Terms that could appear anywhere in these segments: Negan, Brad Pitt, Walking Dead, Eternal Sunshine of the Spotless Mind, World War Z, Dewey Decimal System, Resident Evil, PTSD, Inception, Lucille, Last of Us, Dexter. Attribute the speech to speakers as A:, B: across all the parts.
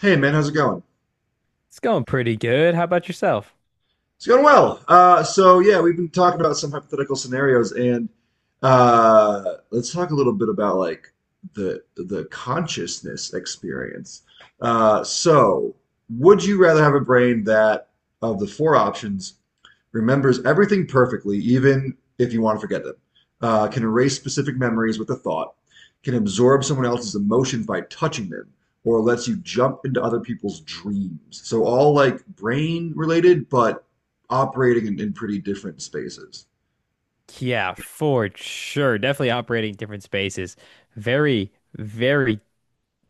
A: Hey man, how's it going?
B: It's going pretty good. How about yourself?
A: It's going well. So we've been talking about some hypothetical scenarios, and uh, let's talk a little bit about like the consciousness experience. Uh, so, would you rather have a brain that, of the four options, remembers everything perfectly, even if you want to forget them, can erase specific memories with a thought, can absorb someone else's emotions by touching them, or lets you jump into other people's dreams? So all like brain related, but operating in pretty different spaces.
B: Yeah, for sure. Definitely operating different spaces. Very, very,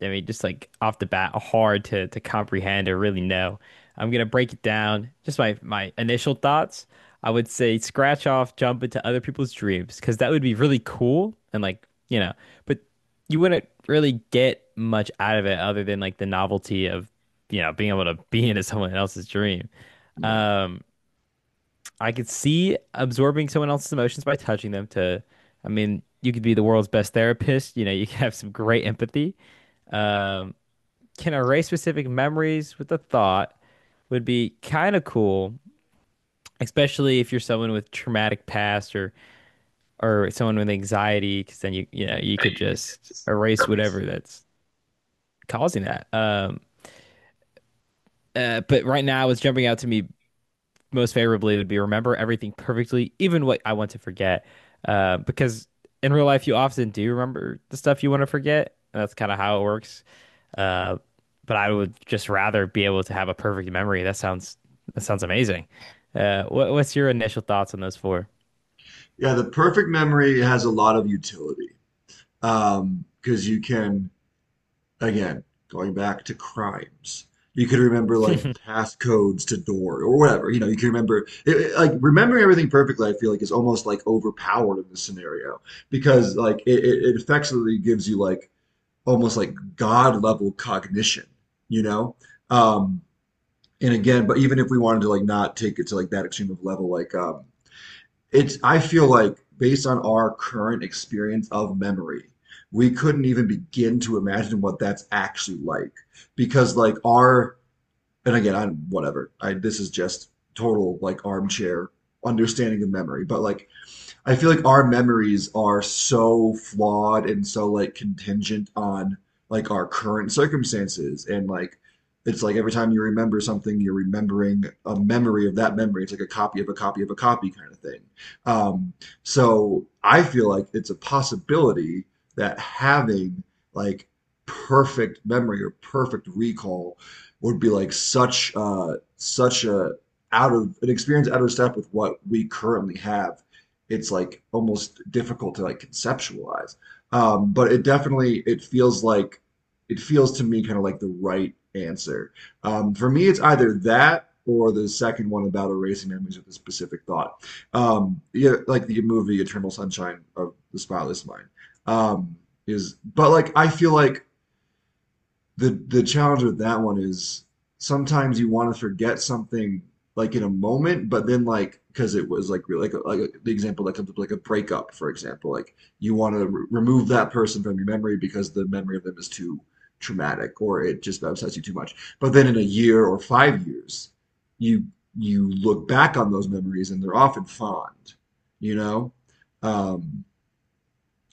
B: just like off the bat, hard to comprehend or really know. I'm gonna break it down. Just my initial thoughts. I would say scratch off, jump into other people's dreams, because that would be really cool and but you wouldn't really get much out of it other than like the novelty of, being able to be into someone else's dream.
A: Yeah.
B: Um, I could see absorbing someone else's emotions by touching them to, I mean, you could be the world's best therapist. You could have some great empathy. Um, can erase specific memories with a thought would be kind of cool, especially if you're someone with traumatic past or someone with anxiety, because then you know you could just erase whatever that's causing that. But right now, it's jumping out to me most favorably would be remember everything perfectly, even what I want to forget. Because in real life, you often do remember the stuff you want to forget. That's kind of how it works. Uh, but I would just rather be able to have a perfect memory. That sounds amazing. What's your initial thoughts on those four?
A: Yeah, the perfect memory has a lot of utility because you can, again, going back to crimes. You could remember like passcodes to door or whatever. You know, you can remember like remembering everything perfectly, I feel like is almost like overpowered in this scenario because like it effectively gives you like almost like God level cognition, you know? Um, and again, but even if we wanted to like not take it to like that extreme of level, like it's I feel like based on our current experience of memory, we couldn't even begin to imagine what that's actually like because like our, and again I'm whatever I this is just total like armchair understanding of memory but like I feel like our memories are so flawed and so like contingent on like our current circumstances, and like it's like every time you remember something, you're remembering a memory of that memory. It's like a copy of a copy of a copy kind of thing. Um, so I feel like it's a possibility that having like perfect memory or perfect recall would be like such a out of an experience out of step with what we currently have, it's like almost difficult to like conceptualize. But it definitely it feels like it feels to me kind of like the right answer. For me, it's either that or the second one about erasing memories with a specific thought. Yeah, like the movie Eternal Sunshine of the Spotless Mind. Um, is but like I feel like the challenge with that one is sometimes you want to forget something like in a moment, but then like because it was like really like the example that comes up like a breakup, for example, like you want to re remove that person from your memory because the memory of them is too traumatic, or it just upsets you too much. But then in a year or 5 years, you you look back on those memories, and they're often fond, you know? Um,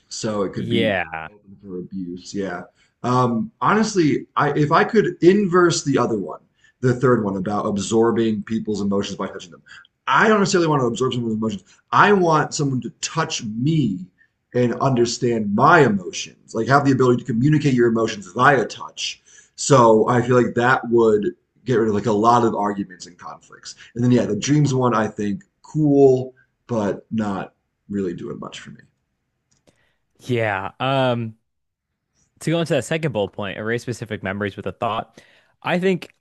A: so it could be
B: Yeah,
A: open for abuse. Yeah. Honestly, I if I could inverse the other one, the third one about absorbing people's emotions by touching them, I don't necessarily want to absorb someone's emotions. I want someone to touch me and understand my emotions, like have the ability to communicate your emotions via touch. So I feel like that would get rid of like a lot of arguments and conflicts. And then yeah, the dreams one I think cool, but not really doing much for me.
B: yeah. To go into that second bullet point, erase specific memories with a thought. I think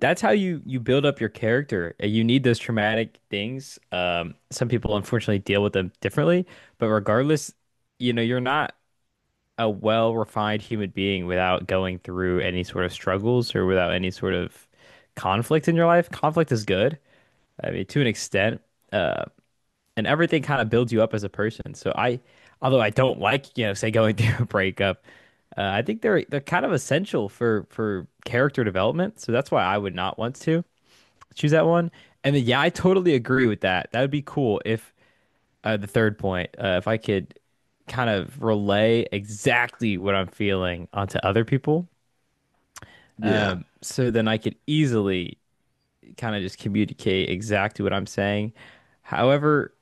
B: that's how you build up your character. You need those traumatic things. Some people unfortunately deal with them differently, but regardless, you know, you're not a well-refined human being without going through any sort of struggles or without any sort of conflict in your life. Conflict is good. I mean, to an extent. Uh, and everything kind of builds you up as a person. So I, although I don't like, you know, say going through a breakup, I think they're kind of essential for character development. So that's why I would not want to choose that one. And then, yeah, I totally agree with that. That would be cool if the third point, if I could kind of relay exactly what I'm feeling onto other people,
A: Yeah.
B: so then I could easily kind of just communicate exactly what I'm saying. However,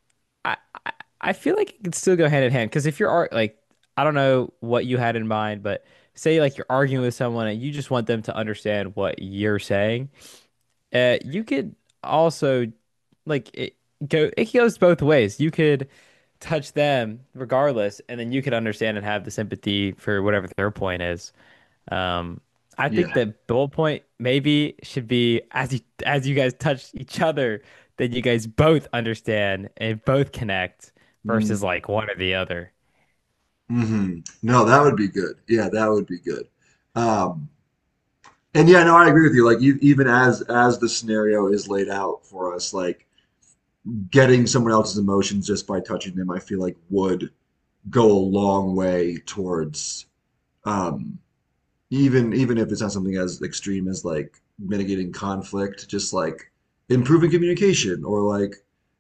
B: I I I feel like it could still go hand in hand because if you're ar- like I don't know what you had in mind, but say like you're arguing with someone and you just want them to understand what you're saying, you could also like it it goes both ways. You could touch them regardless, and then you could understand and have the sympathy for whatever their point is. Um, I think
A: Yeah.
B: that bullet point maybe should be as you guys touch each other, then you guys both understand and both connect
A: Mm,
B: versus like one or the other.
A: hmm. No, that would be good. Yeah, that would be good. Um, and yeah, no, I agree with you. Like, you, even as the scenario is laid out for us, like getting someone else's emotions just by touching them, I feel like would go a long way towards um, even even if it's not something as extreme as like mitigating conflict, just like improving communication or like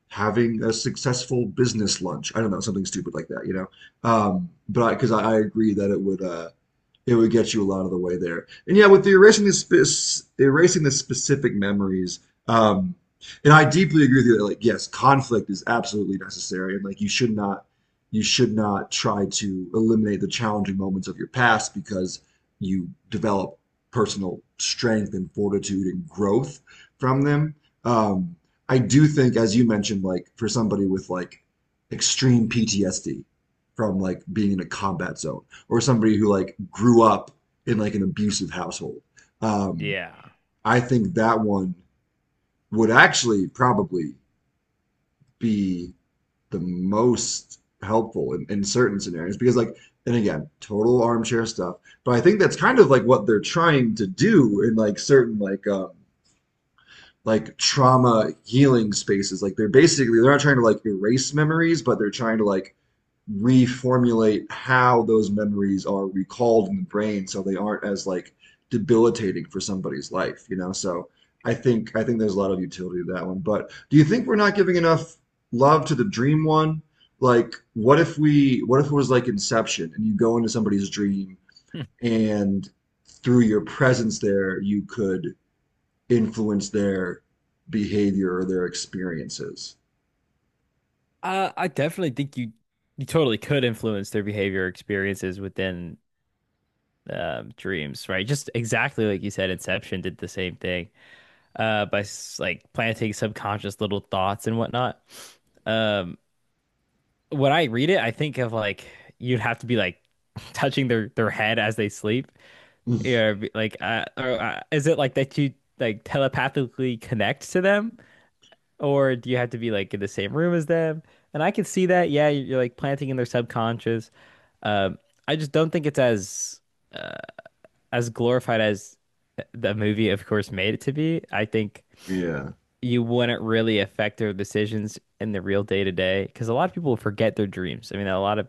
A: having a successful business lunch. I don't know, something stupid like that, you know? But I, because I agree that it would get you a lot of the way there. And yeah, with the erasing the specific memories, um, and I deeply agree with you that like yes, conflict is absolutely necessary, and like you should not try to eliminate the challenging moments of your past because you develop personal strength and fortitude and growth from them. Um, I do think, as you mentioned, like for somebody with like extreme PTSD from like being in a combat zone or somebody who like grew up in like an abusive household, um,
B: Yeah.
A: I think that one would actually probably be the most helpful in certain scenarios because like, and again total armchair stuff, but I think that's kind of like what they're trying to do in like certain like trauma healing spaces like they're basically they're not trying to like erase memories but they're trying to like reformulate how those memories are recalled in the brain so they aren't as like debilitating for somebody's life, you know? So I think there's a lot of utility to that one. But do you think we're not giving enough love to the dream one? Like, what if we what if it was like Inception and you go into somebody's dream
B: Hmm.
A: and through your presence there you could influence their behavior or their experiences?
B: I definitely think you totally could influence their behavior experiences within dreams, right? Just exactly like you said, Inception did the same thing like planting subconscious little thoughts and whatnot. Um, when I read it, I think of like you'd have to be like touching their head as they sleep. Is it like that you like telepathically connect to them, or do you have to be like in the same room as them? And I can see that. Yeah, you're like planting in their subconscious. Um, I just don't think it's uh, as glorified as the movie, of course, made it to be. I think
A: Yeah.
B: you wouldn't really affect their decisions in the real day to day because a lot of people forget their dreams. I mean, a lot of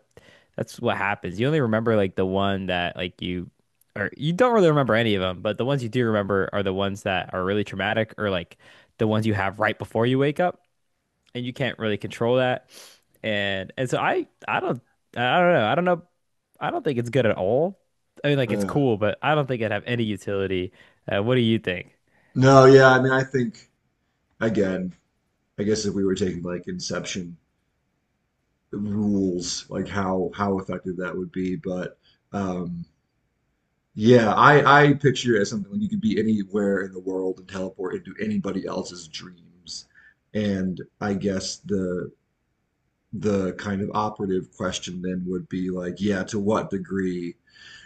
B: that's what happens. You only remember like the one that like you or you don't really remember any of them, but the ones you do remember are the ones that are really traumatic or like the ones you have right before you wake up and you can't really control that. And so I don't know. I don't know. I don't think it's good at all. I mean, like it's
A: Yeah.
B: cool, but I don't think it'd have any utility. What do you think?
A: No, yeah, I mean I think, again, I guess if we were taking like Inception rules, like how effective that would be. But um, yeah, I picture it as something like you could be anywhere in the world and teleport into anybody else's dreams. And I guess the kind of operative question then would be like, yeah, to what degree?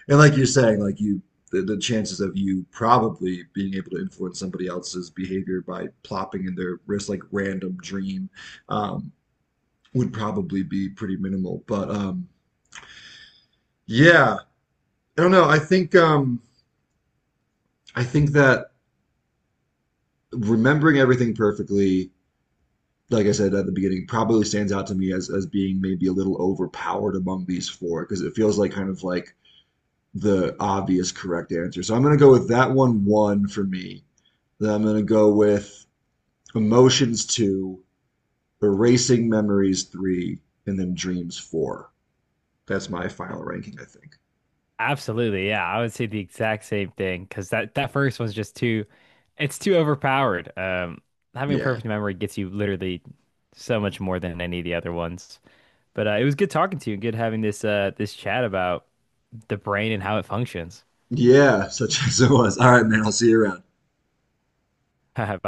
A: And like you're saying, like you, the chances of you probably being able to influence somebody else's behavior by plopping in their wrist like random dream um, would probably be pretty minimal. But yeah, I don't know. I think that remembering everything perfectly, like I said at the beginning, probably stands out to me as being maybe a little overpowered among these four because it feels like kind of like the obvious correct answer. So I'm gonna go with that one one for me. Then I'm gonna go with emotions two, erasing memories three, and then dreams four. That's my final ranking, I think.
B: Absolutely, yeah. I would say the exact same thing because that first one's just too, it's too overpowered. Having
A: Yeah.
B: perfect memory gets you literally so much more than any of the other ones. But it was good talking to you and good having this this chat about the brain and how it functions.
A: Yeah, such as it was. All right, man. I'll see you around.